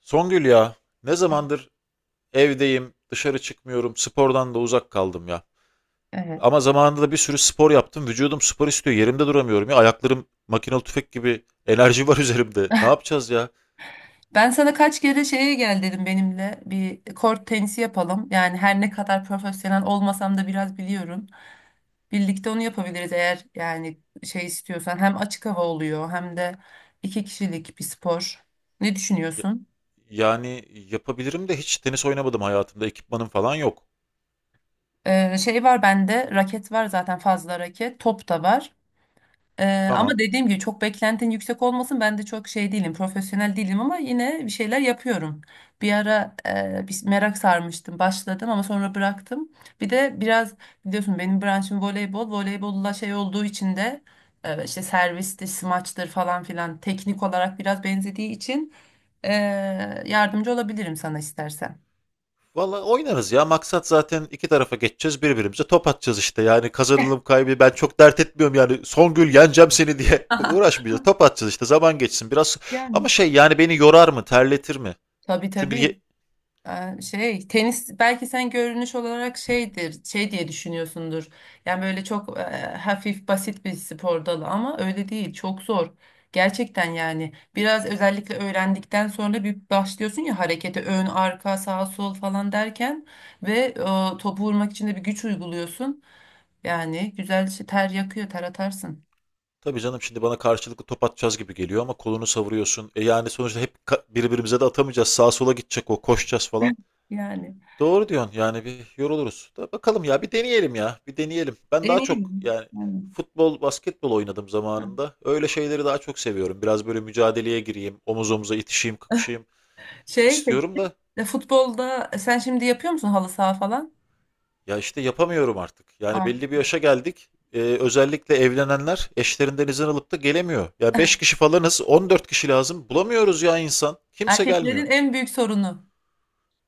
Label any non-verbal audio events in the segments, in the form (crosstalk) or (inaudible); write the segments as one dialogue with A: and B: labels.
A: Songül ya, ne zamandır evdeyim, dışarı çıkmıyorum, spordan da uzak kaldım ya.
B: Evet.
A: Ama zamanında da bir sürü spor yaptım. Vücudum spor istiyor. Yerimde duramıyorum ya. Ayaklarım makinalı tüfek gibi enerji (laughs) var üzerimde. Ne yapacağız ya?
B: Ben sana kaç kere şeye gel dedim, benimle bir kort tenisi yapalım. Yani her ne kadar profesyonel olmasam da biraz biliyorum. Birlikte onu yapabiliriz eğer yani şey istiyorsan. Hem açık hava oluyor hem de iki kişilik bir spor. Ne
A: Ya-
B: düşünüyorsun?
A: Yani yapabilirim de hiç tenis oynamadım hayatımda. Ekipmanım falan yok.
B: Şey var bende, raket var zaten, fazla raket. Top da var. Ama
A: Tamam.
B: dediğim gibi çok beklentin yüksek olmasın. Ben de çok şey değilim, profesyonel değilim ama yine bir şeyler yapıyorum. Bir ara bir merak sarmıştım, başladım ama sonra bıraktım. Bir de biraz biliyorsun benim branşım voleybol. Voleybolla şey olduğu için de işte servistir, smaçtır falan filan, teknik olarak biraz benzediği için e, yardımcı olabilirim sana istersen.
A: Valla oynarız ya. Maksat zaten iki tarafa geçeceğiz. Birbirimize top atacağız işte. Yani kazanılım kaybı ben çok dert etmiyorum yani. Songül yeneceğim seni diye (laughs)
B: (laughs)
A: uğraşmayacağız. Top atacağız işte. Zaman geçsin biraz.
B: Yani.
A: Ama şey yani beni yorar mı? Terletir mi?
B: Tabii,
A: Çünkü
B: tabii.
A: ye-
B: Şey, tenis belki sen görünüş olarak şeydir şey diye düşünüyorsundur, yani böyle çok hafif basit bir spor dalı ama öyle değil, çok zor gerçekten. Yani biraz, özellikle öğrendikten sonra bir başlıyorsun ya harekete, ön arka sağ sol falan derken ve topu vurmak için de bir güç uyguluyorsun. Yani güzel ter yakıyor, ter atarsın
A: tabii canım şimdi bana karşılıklı top atacağız gibi geliyor ama kolunu savuruyorsun. E yani sonuçta hep birbirimize de atamayacağız. Sağa sola gidecek o. Koşacağız falan.
B: yani.
A: Doğru diyorsun. Yani bir yoruluruz. Da bakalım ya bir deneyelim ya. Bir deneyelim. Ben
B: En
A: daha
B: iyi
A: çok yani
B: yani.
A: futbol, basketbol oynadım zamanında. Öyle şeyleri daha çok seviyorum. Biraz böyle mücadeleye gireyim, omuz omuza itişeyim,
B: (laughs)
A: kakışayım
B: Şey
A: istiyorum
B: peki,
A: da
B: futbolda sen şimdi yapıyor musun, halı saha falan?
A: ya işte yapamıyorum artık. Yani belli bir yaşa geldik. Özellikle evlenenler eşlerinden izin alıp da gelemiyor. Ya 5 kişi falanız, 14 kişi lazım. Bulamıyoruz ya insan. Kimse gelmiyor.
B: Erkeklerin en büyük sorunu.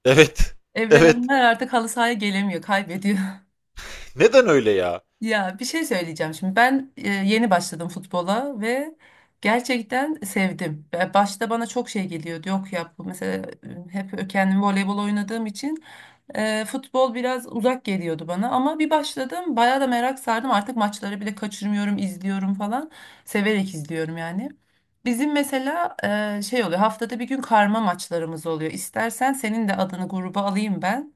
A: Evet. (laughs) Evet.
B: Evlenenler artık halı sahaya gelemiyor, kaybediyor. (laughs)
A: Neden öyle ya?
B: Ya bir şey söyleyeceğim şimdi. Ben yeni başladım futbola ve gerçekten sevdim. Ve başta bana çok şey geliyordu. Yok ya, bu mesela hep kendimi voleybol oynadığım için futbol biraz uzak geliyordu bana, ama bir başladım, bayağı da merak sardım, artık maçları bile kaçırmıyorum, izliyorum falan, severek izliyorum yani. Bizim mesela şey oluyor, haftada bir gün karma maçlarımız oluyor, istersen senin de adını gruba alayım ben.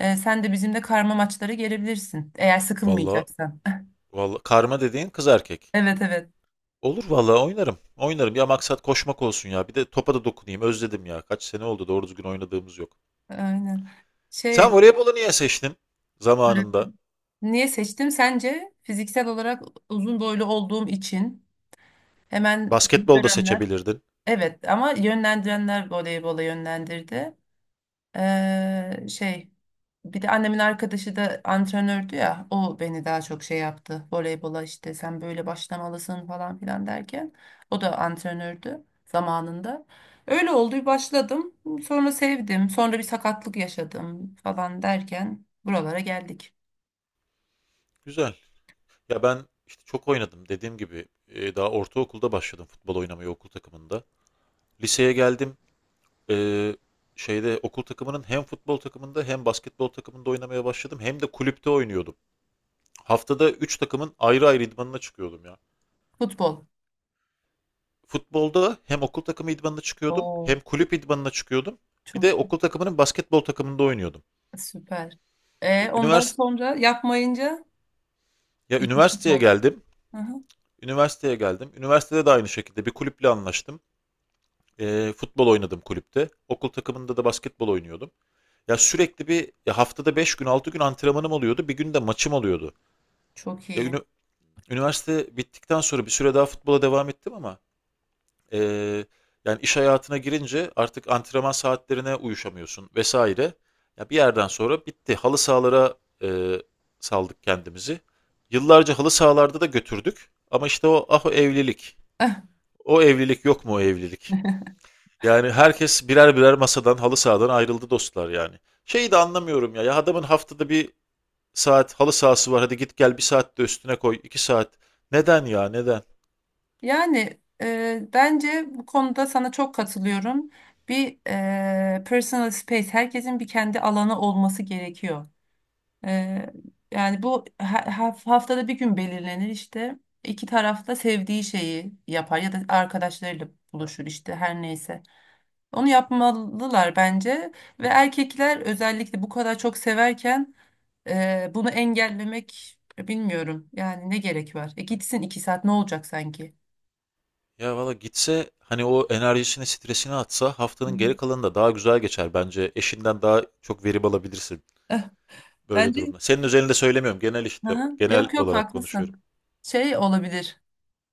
B: Sen de bizimle karma maçlara gelebilirsin eğer
A: Vallahi
B: sıkılmayacaksan.
A: vallahi karma dediğin kız erkek.
B: (laughs) Evet, evet,
A: Olur vallahi oynarım. Oynarım. Ya maksat koşmak olsun ya. Bir de topa da dokunayım. Özledim ya. Kaç sene oldu doğru düzgün oynadığımız yok.
B: aynen
A: Sen
B: şey.
A: voleybolu niye seçtin zamanında?
B: Niye seçtim sence? Fiziksel olarak uzun boylu olduğum için, hemen
A: Basketbol da
B: görenler.
A: seçebilirdin.
B: Evet, ama yönlendirenler voleybola yönlendirdi. Şey, bir de annemin arkadaşı da antrenördü ya, o beni daha çok şey yaptı voleybola, işte sen böyle başlamalısın falan filan derken, o da antrenördü zamanında. Öyle oldu, bir başladım, sonra sevdim, sonra bir sakatlık yaşadım falan derken buralara geldik.
A: Güzel. Ya ben işte çok oynadım. Dediğim gibi daha ortaokulda başladım futbol oynamayı okul takımında. Liseye geldim. E, Şeyde okul takımının hem futbol takımında hem basketbol takımında oynamaya başladım. Hem de kulüpte oynuyordum. Haftada 3 takımın ayrı ayrı idmanına çıkıyordum ya.
B: Futbol.
A: Futbolda hem okul takımı idmanına çıkıyordum hem
B: Oo,
A: kulüp idmanına çıkıyordum. Bir
B: çok
A: de okul takımının basketbol takımında oynuyordum.
B: süper. Ondan
A: Ünivers,
B: sonra yapmayınca
A: ya
B: bir bitmiş
A: üniversiteye
B: oldu.
A: geldim.
B: Aha,
A: Üniversitede de aynı şekilde bir kulüple anlaştım. Futbol oynadım kulüpte. Okul takımında da basketbol oynuyordum. Ya sürekli bir ya haftada 5 gün 6 gün antrenmanım oluyordu. Bir gün de maçım oluyordu.
B: çok
A: E,
B: iyi.
A: ünü- Üniversite bittikten sonra bir süre daha futbola devam ettim ama Ee, yani iş hayatına girince artık antrenman saatlerine uyuşamıyorsun vesaire. Ya bir yerden sonra bitti. Halı sahalara e, saldık kendimizi. Yıllarca halı sahalarda da götürdük. Ama işte o ah o evlilik.
B: (laughs)
A: O evlilik yok mu o evlilik? Yani herkes birer birer masadan halı sahadan ayrıldı dostlar yani. Şeyi de anlamıyorum ya. Ya adamın haftada bir saat halı sahası var. Hadi git gel bir saat de üstüne koy. 2 saat. Neden ya neden?
B: Yani bence bu konuda sana çok katılıyorum. Bir personal space, herkesin bir kendi alanı olması gerekiyor. E, Yani bu haftada bir gün belirlenir işte. İki taraf da sevdiği şeyi yapar ya da arkadaşlarıyla buluşur işte, her neyse. Onu yapmalılar bence, ve erkekler özellikle bu kadar çok severken bunu engellemek, bilmiyorum. Yani ne gerek var? Gitsin iki saat, ne olacak sanki?
A: Ya valla gitse hani o enerjisini, stresini atsa
B: Evet.
A: haftanın geri kalanı da daha güzel geçer bence. Eşinden daha çok verim alabilirsin böyle
B: Bence
A: durumda. Senin özelinde söylemiyorum. Genel işte
B: Aha,
A: genel
B: yok yok,
A: olarak konuşuyorum.
B: haklısın. Şey olabilir.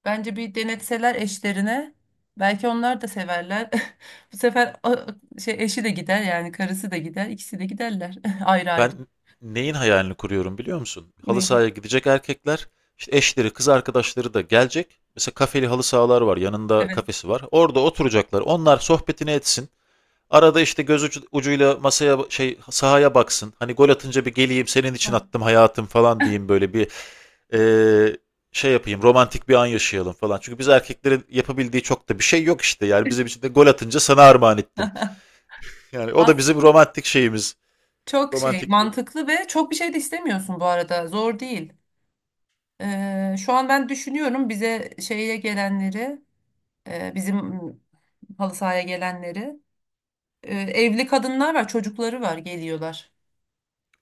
B: Bence bir denetseler eşlerine, belki onlar da severler. (laughs) Bu sefer şey, eşi de gider yani, karısı da gider, ikisi de giderler (laughs) ayrı ayrı.
A: Ben neyin hayalini kuruyorum biliyor musun? Halı
B: Ne?
A: sahaya gidecek erkekler, işte eşleri, kız arkadaşları da gelecek. Mesela kafeli halı sahalar var. Yanında
B: Evet.
A: kafesi var. Orada oturacaklar. Onlar sohbetini etsin. Arada işte göz ucuyla masaya şey sahaya baksın. Hani gol atınca bir geleyim senin için
B: Hah.
A: attım hayatım falan diyeyim böyle bir eee, şey yapayım romantik bir an yaşayalım falan. Çünkü biz erkeklerin yapabildiği çok da bir şey yok işte. Yani bizim için de gol atınca sana armağan ettim. Yani o da
B: Az
A: bizim romantik şeyimiz.
B: çok şey
A: Romantikliğimiz.
B: mantıklı, ve çok bir şey de istemiyorsun bu arada. Zor değil. Şu an ben düşünüyorum bize şeye gelenleri, bizim halı sahaya gelenleri. Evli kadınlar var, çocukları var, geliyorlar.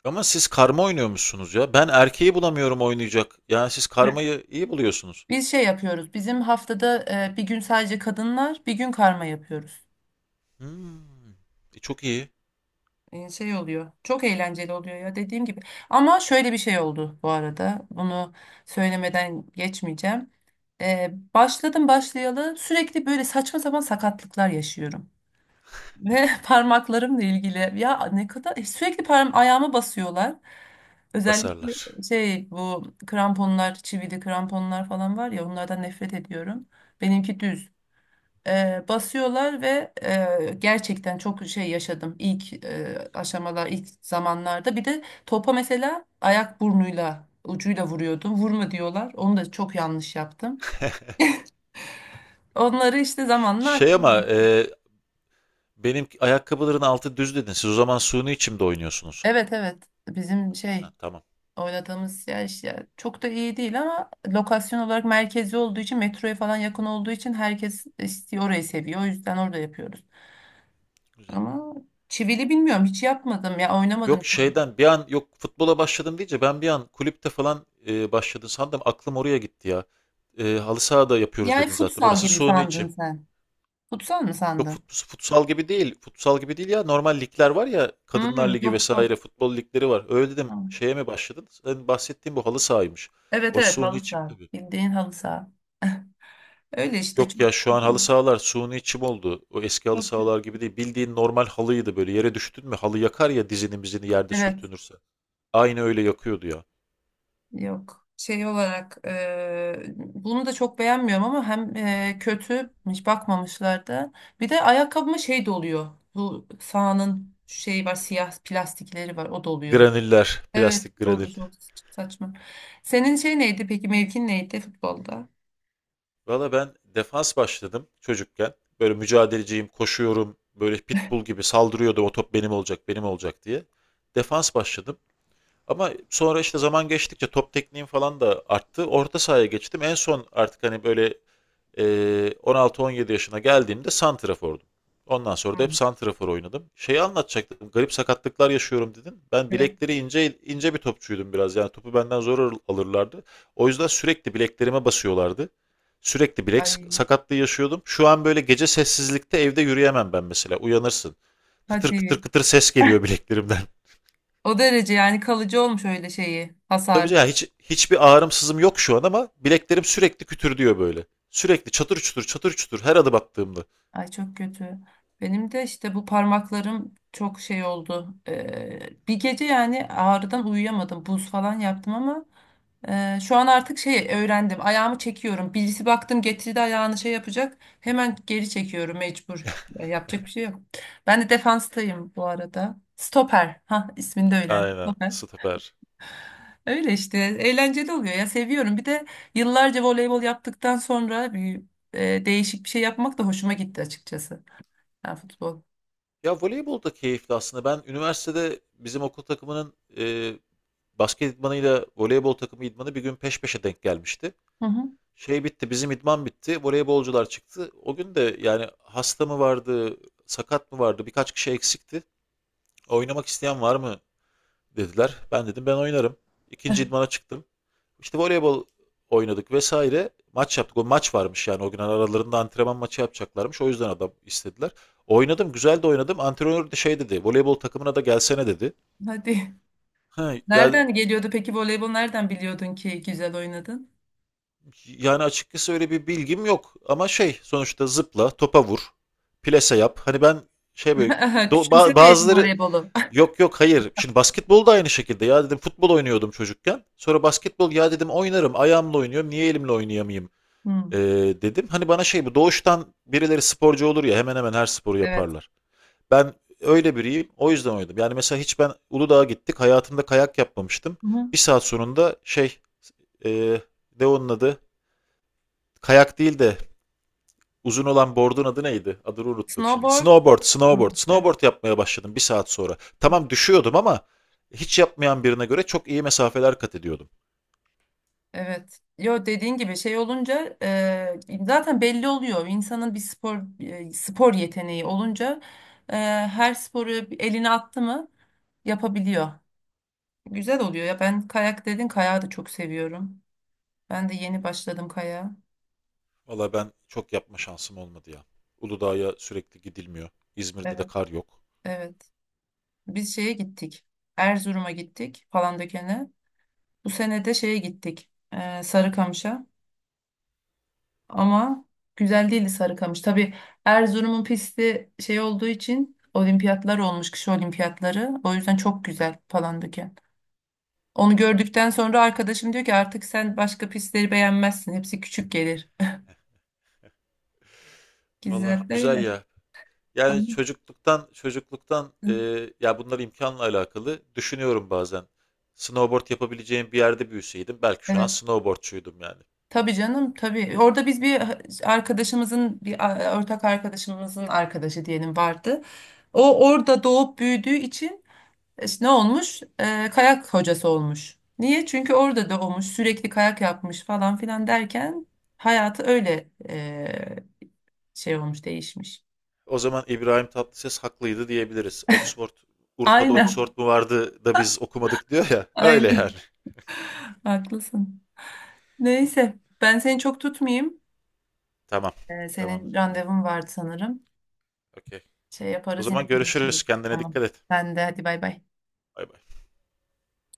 A: Ama siz karma oynuyormuşsunuz ya. Ben erkeği bulamıyorum oynayacak. Yani siz karmayı iyi buluyorsunuz.
B: Biz şey yapıyoruz. Bizim haftada bir gün sadece kadınlar, bir gün karma yapıyoruz.
A: Hmm. Çok iyi
B: Şey oluyor. Çok eğlenceli oluyor ya, dediğim gibi. Ama şöyle bir şey oldu bu arada, bunu söylemeden geçmeyeceğim. Başladım başlayalı sürekli böyle saçma sapan sakatlıklar yaşıyorum. Ve (laughs) parmaklarımla ilgili ya, ne kadar sürekli parmağım, ayağıma basıyorlar. Özellikle
A: basarlar.
B: şey, bu kramponlar, çivili kramponlar falan var ya, onlardan nefret ediyorum. Benimki düz. Basıyorlar ve gerçekten çok şey yaşadım ilk aşamalar, ilk zamanlarda. Bir de topa mesela ayak burnuyla, ucuyla vuruyordum, vurma diyorlar, onu da çok yanlış yaptım, onları işte zamanla.
A: Şey ama benim ayakkabıların altı düz dedin. Siz o zaman suni içimde oynuyorsunuz.
B: Evet, evet, bizim
A: Ha,
B: şey
A: tamam.
B: oynadığımız yer işte çok da iyi değil ama lokasyon olarak merkezi olduğu için, metroya falan yakın olduğu için herkes istiyor orayı, seviyor, o yüzden orada yapıyoruz
A: Güzel.
B: ama. Çivili bilmiyorum, hiç yapmadım ya,
A: Yok
B: oynamadım.
A: şeyden bir an yok futbola başladım deyince ben bir an kulüpte falan başladın sandım aklım oraya gitti ya. Halı sahada yapıyoruz
B: Yani
A: dedin zaten
B: futsal
A: orası
B: gibi
A: suyunu
B: sandın
A: içim.
B: sen. Futsal mı
A: Yok
B: sandın?
A: futsal gibi değil futsal gibi değil ya normal ligler var ya kadınlar
B: Hmm,
A: ligi
B: yok, yok.
A: vesaire futbol ligleri var. Öyle dedim
B: Tamam.
A: şeye mi başladın? Senin bahsettiğin bu halı sahaymış.
B: Evet,
A: O
B: evet,
A: suyunu
B: halı
A: içim
B: saha.
A: tabii.
B: Bildiğin halı saha. Öyle işte
A: Yok
B: çok.
A: ya şu an halı sahalar suyunu içim oldu. O eski halı
B: Çok-
A: sahalar gibi değil. Bildiğin normal halıydı böyle yere düştün mü halı yakar ya dizini mizini yerde
B: Evet,
A: sürtünürse. Aynı öyle yakıyordu ya.
B: yok. Şey olarak bunu da çok beğenmiyorum, ama hem kötü, hiç bakmamışlardı. Bir de ayakkabıma şey doluyor. Bu sahanın şey var, siyah plastikleri var, o doluyor.
A: Graniller,
B: Evet,
A: plastik
B: o da
A: granil.
B: çok saçma. Senin şey neydi peki, mevkin neydi futbolda?
A: Valla ben defans başladım çocukken. Böyle mücadeleciyim, koşuyorum. Böyle pitbull gibi saldırıyordum. O top benim olacak, benim olacak diye. Defans başladım. Ama sonra işte zaman geçtikçe top tekniğim falan da arttı. Orta sahaya geçtim. En son artık hani böyle Ee, 16-17 yaşına geldiğimde santrafordum. Ondan sonra da
B: Hmm.
A: hep santrafor oynadım. Şeyi anlatacaktım. Garip sakatlıklar yaşıyorum dedin. Ben
B: Evet.
A: bilekleri ince ince bir topçuydum biraz. Yani topu benden zor alırlardı. O yüzden sürekli bileklerime basıyorlardı. Sürekli bilek
B: Ay,
A: sakatlığı yaşıyordum. Şu an böyle gece sessizlikte evde yürüyemem ben mesela. Uyanırsın. Kıtır kıtır
B: hadi.
A: kıtır ses geliyor bileklerimden. (laughs)
B: O derece yani, kalıcı olmuş öyle şeyi
A: Tabii
B: hasar.
A: canım hiç hiçbir ağrım sızım yok şu an ama bileklerim sürekli kütür diyor böyle. Sürekli çatır çutur çatır çutur her adım attığımda.
B: Ay, çok kötü. Benim de işte bu parmaklarım çok şey oldu. Bir gece yani ağrıdan uyuyamadım. Buz falan yaptım, ama şu an artık şey öğrendim. Ayağımı çekiyorum. Birisi baktım getirdi ayağını şey yapacak, hemen geri çekiyorum, mecbur. Ya yapacak bir şey yok. Ben de defanstayım bu arada. Stoper. Ha, ismini de öğrendim.
A: Aynen, süper.
B: Öyle işte, eğlenceli oluyor ya, seviyorum. Bir de yıllarca voleybol yaptıktan sonra bir değişik bir şey yapmak da hoşuma gitti açıkçası. Ha, futbol.
A: Ya voleybol da keyifli aslında. Ben üniversitede bizim okul takımının basket idmanıyla voleybol takımı idmanı bir gün peş peşe denk gelmişti.
B: Hı hı.
A: Şey bitti, bizim idman bitti, voleybolcular çıktı. O gün de yani hasta mı vardı, sakat mı vardı, birkaç kişi eksikti. Oynamak isteyen var mı dediler. Ben dedim ben oynarım. İkinci idmana çıktım. İşte voleybol oynadık vesaire. Maç yaptık. O maç varmış yani o gün aralarında antrenman maçı yapacaklarmış. O yüzden adam istediler. Oynadım, güzel de oynadım. Antrenör de şey dedi. Voleybol takımına da gelsene dedi.
B: Hadi.
A: Ha, yani
B: Nereden geliyordu peki voleybol? Nereden biliyordun ki güzel oynadın?
A: yani açıkçası öyle bir bilgim yok ama şey sonuçta zıpla, topa vur, plase yap. Hani ben şey böyle
B: (laughs)
A: do- ba-
B: Küçümsemeyelim
A: bazıları
B: voleybolu.
A: Yok yok hayır. Şimdi basketbol da aynı şekilde. Ya dedim futbol oynuyordum çocukken. Sonra basketbol ya dedim oynarım. Ayağımla oynuyorum. Niye elimle oynayamayayım?
B: (laughs) Hı,
A: Ee, Dedim. Hani bana şey bu doğuştan birileri sporcu olur ya hemen hemen her sporu
B: evet.
A: yaparlar. Ben öyle biriyim. O yüzden oynadım. Yani mesela hiç ben Uludağ'a gittik. Hayatımda kayak yapmamıştım.
B: Hı hı.
A: Bir saat sonunda şey e, ne onun adı? Kayak değil de uzun olan board'un adı neydi? Adını unuttum şimdi.
B: Snowboard. Hı, evet.
A: Snowboard yapmaya başladım bir saat sonra. Tamam düşüyordum ama hiç yapmayan birine göre çok iyi mesafeler kat ediyordum.
B: Evet. Yo, dediğin gibi şey olunca zaten belli oluyor. İnsanın bir spor yeteneği olunca e, her sporu eline attı mı yapabiliyor. Güzel oluyor ya. Ben, kayak dedin, kayağı da çok seviyorum. Ben de yeni başladım kayağa.
A: Valla ben çok yapma şansım olmadı ya. Uludağ'a sürekli gidilmiyor. İzmir'de de
B: Evet.
A: kar yok.
B: Evet. Biz şeye gittik. Erzurum'a gittik, Palandöken'e. Bu sene de şeye gittik. Sarıkamış'a. Ama güzel değildi Sarıkamış. Tabii, Erzurum'un pisti şey olduğu için, olimpiyatlar olmuş, kış olimpiyatları. O yüzden çok güzel Palandöken. Onu gördükten sonra arkadaşım diyor ki artık sen başka pistleri beğenmezsin, hepsi küçük gelir. (laughs)
A: Valla
B: Güzel
A: güzel
B: öyle.
A: ya. Yani
B: Tamam.
A: çocukluktan ya bunlar imkanla alakalı düşünüyorum bazen. Snowboard yapabileceğim bir yerde büyüseydim belki şu an
B: Evet.
A: snowboardçuydum yani.
B: Tabii canım, tabii. Orada biz bir arkadaşımızın, bir ortak arkadaşımızın arkadaşı diyelim, vardı. O orada doğup büyüdüğü için, İşte ne olmuş? Kayak hocası olmuş. Niye? Çünkü orada doğmuş, sürekli kayak yapmış falan filan derken hayatı öyle şey olmuş, değişmiş.
A: O zaman İbrahim Tatlıses haklıydı diyebiliriz. Oxford, Urfa'da Oxford
B: Aynen,
A: mu vardı da biz okumadık diyor ya.
B: (laughs)
A: (laughs) Öyle yani.
B: aynen. Haklısın. Neyse, ben seni çok tutmayayım.
A: Tamam. Tamam
B: Senin
A: canım benim.
B: randevun vardı sanırım.
A: Okey.
B: Şey
A: O
B: yaparız, yine
A: zaman görüşürüz.
B: konuşuruz.
A: Kendine
B: Tamam.
A: dikkat et.
B: Ben de hadi, bay bay.
A: Bay bay.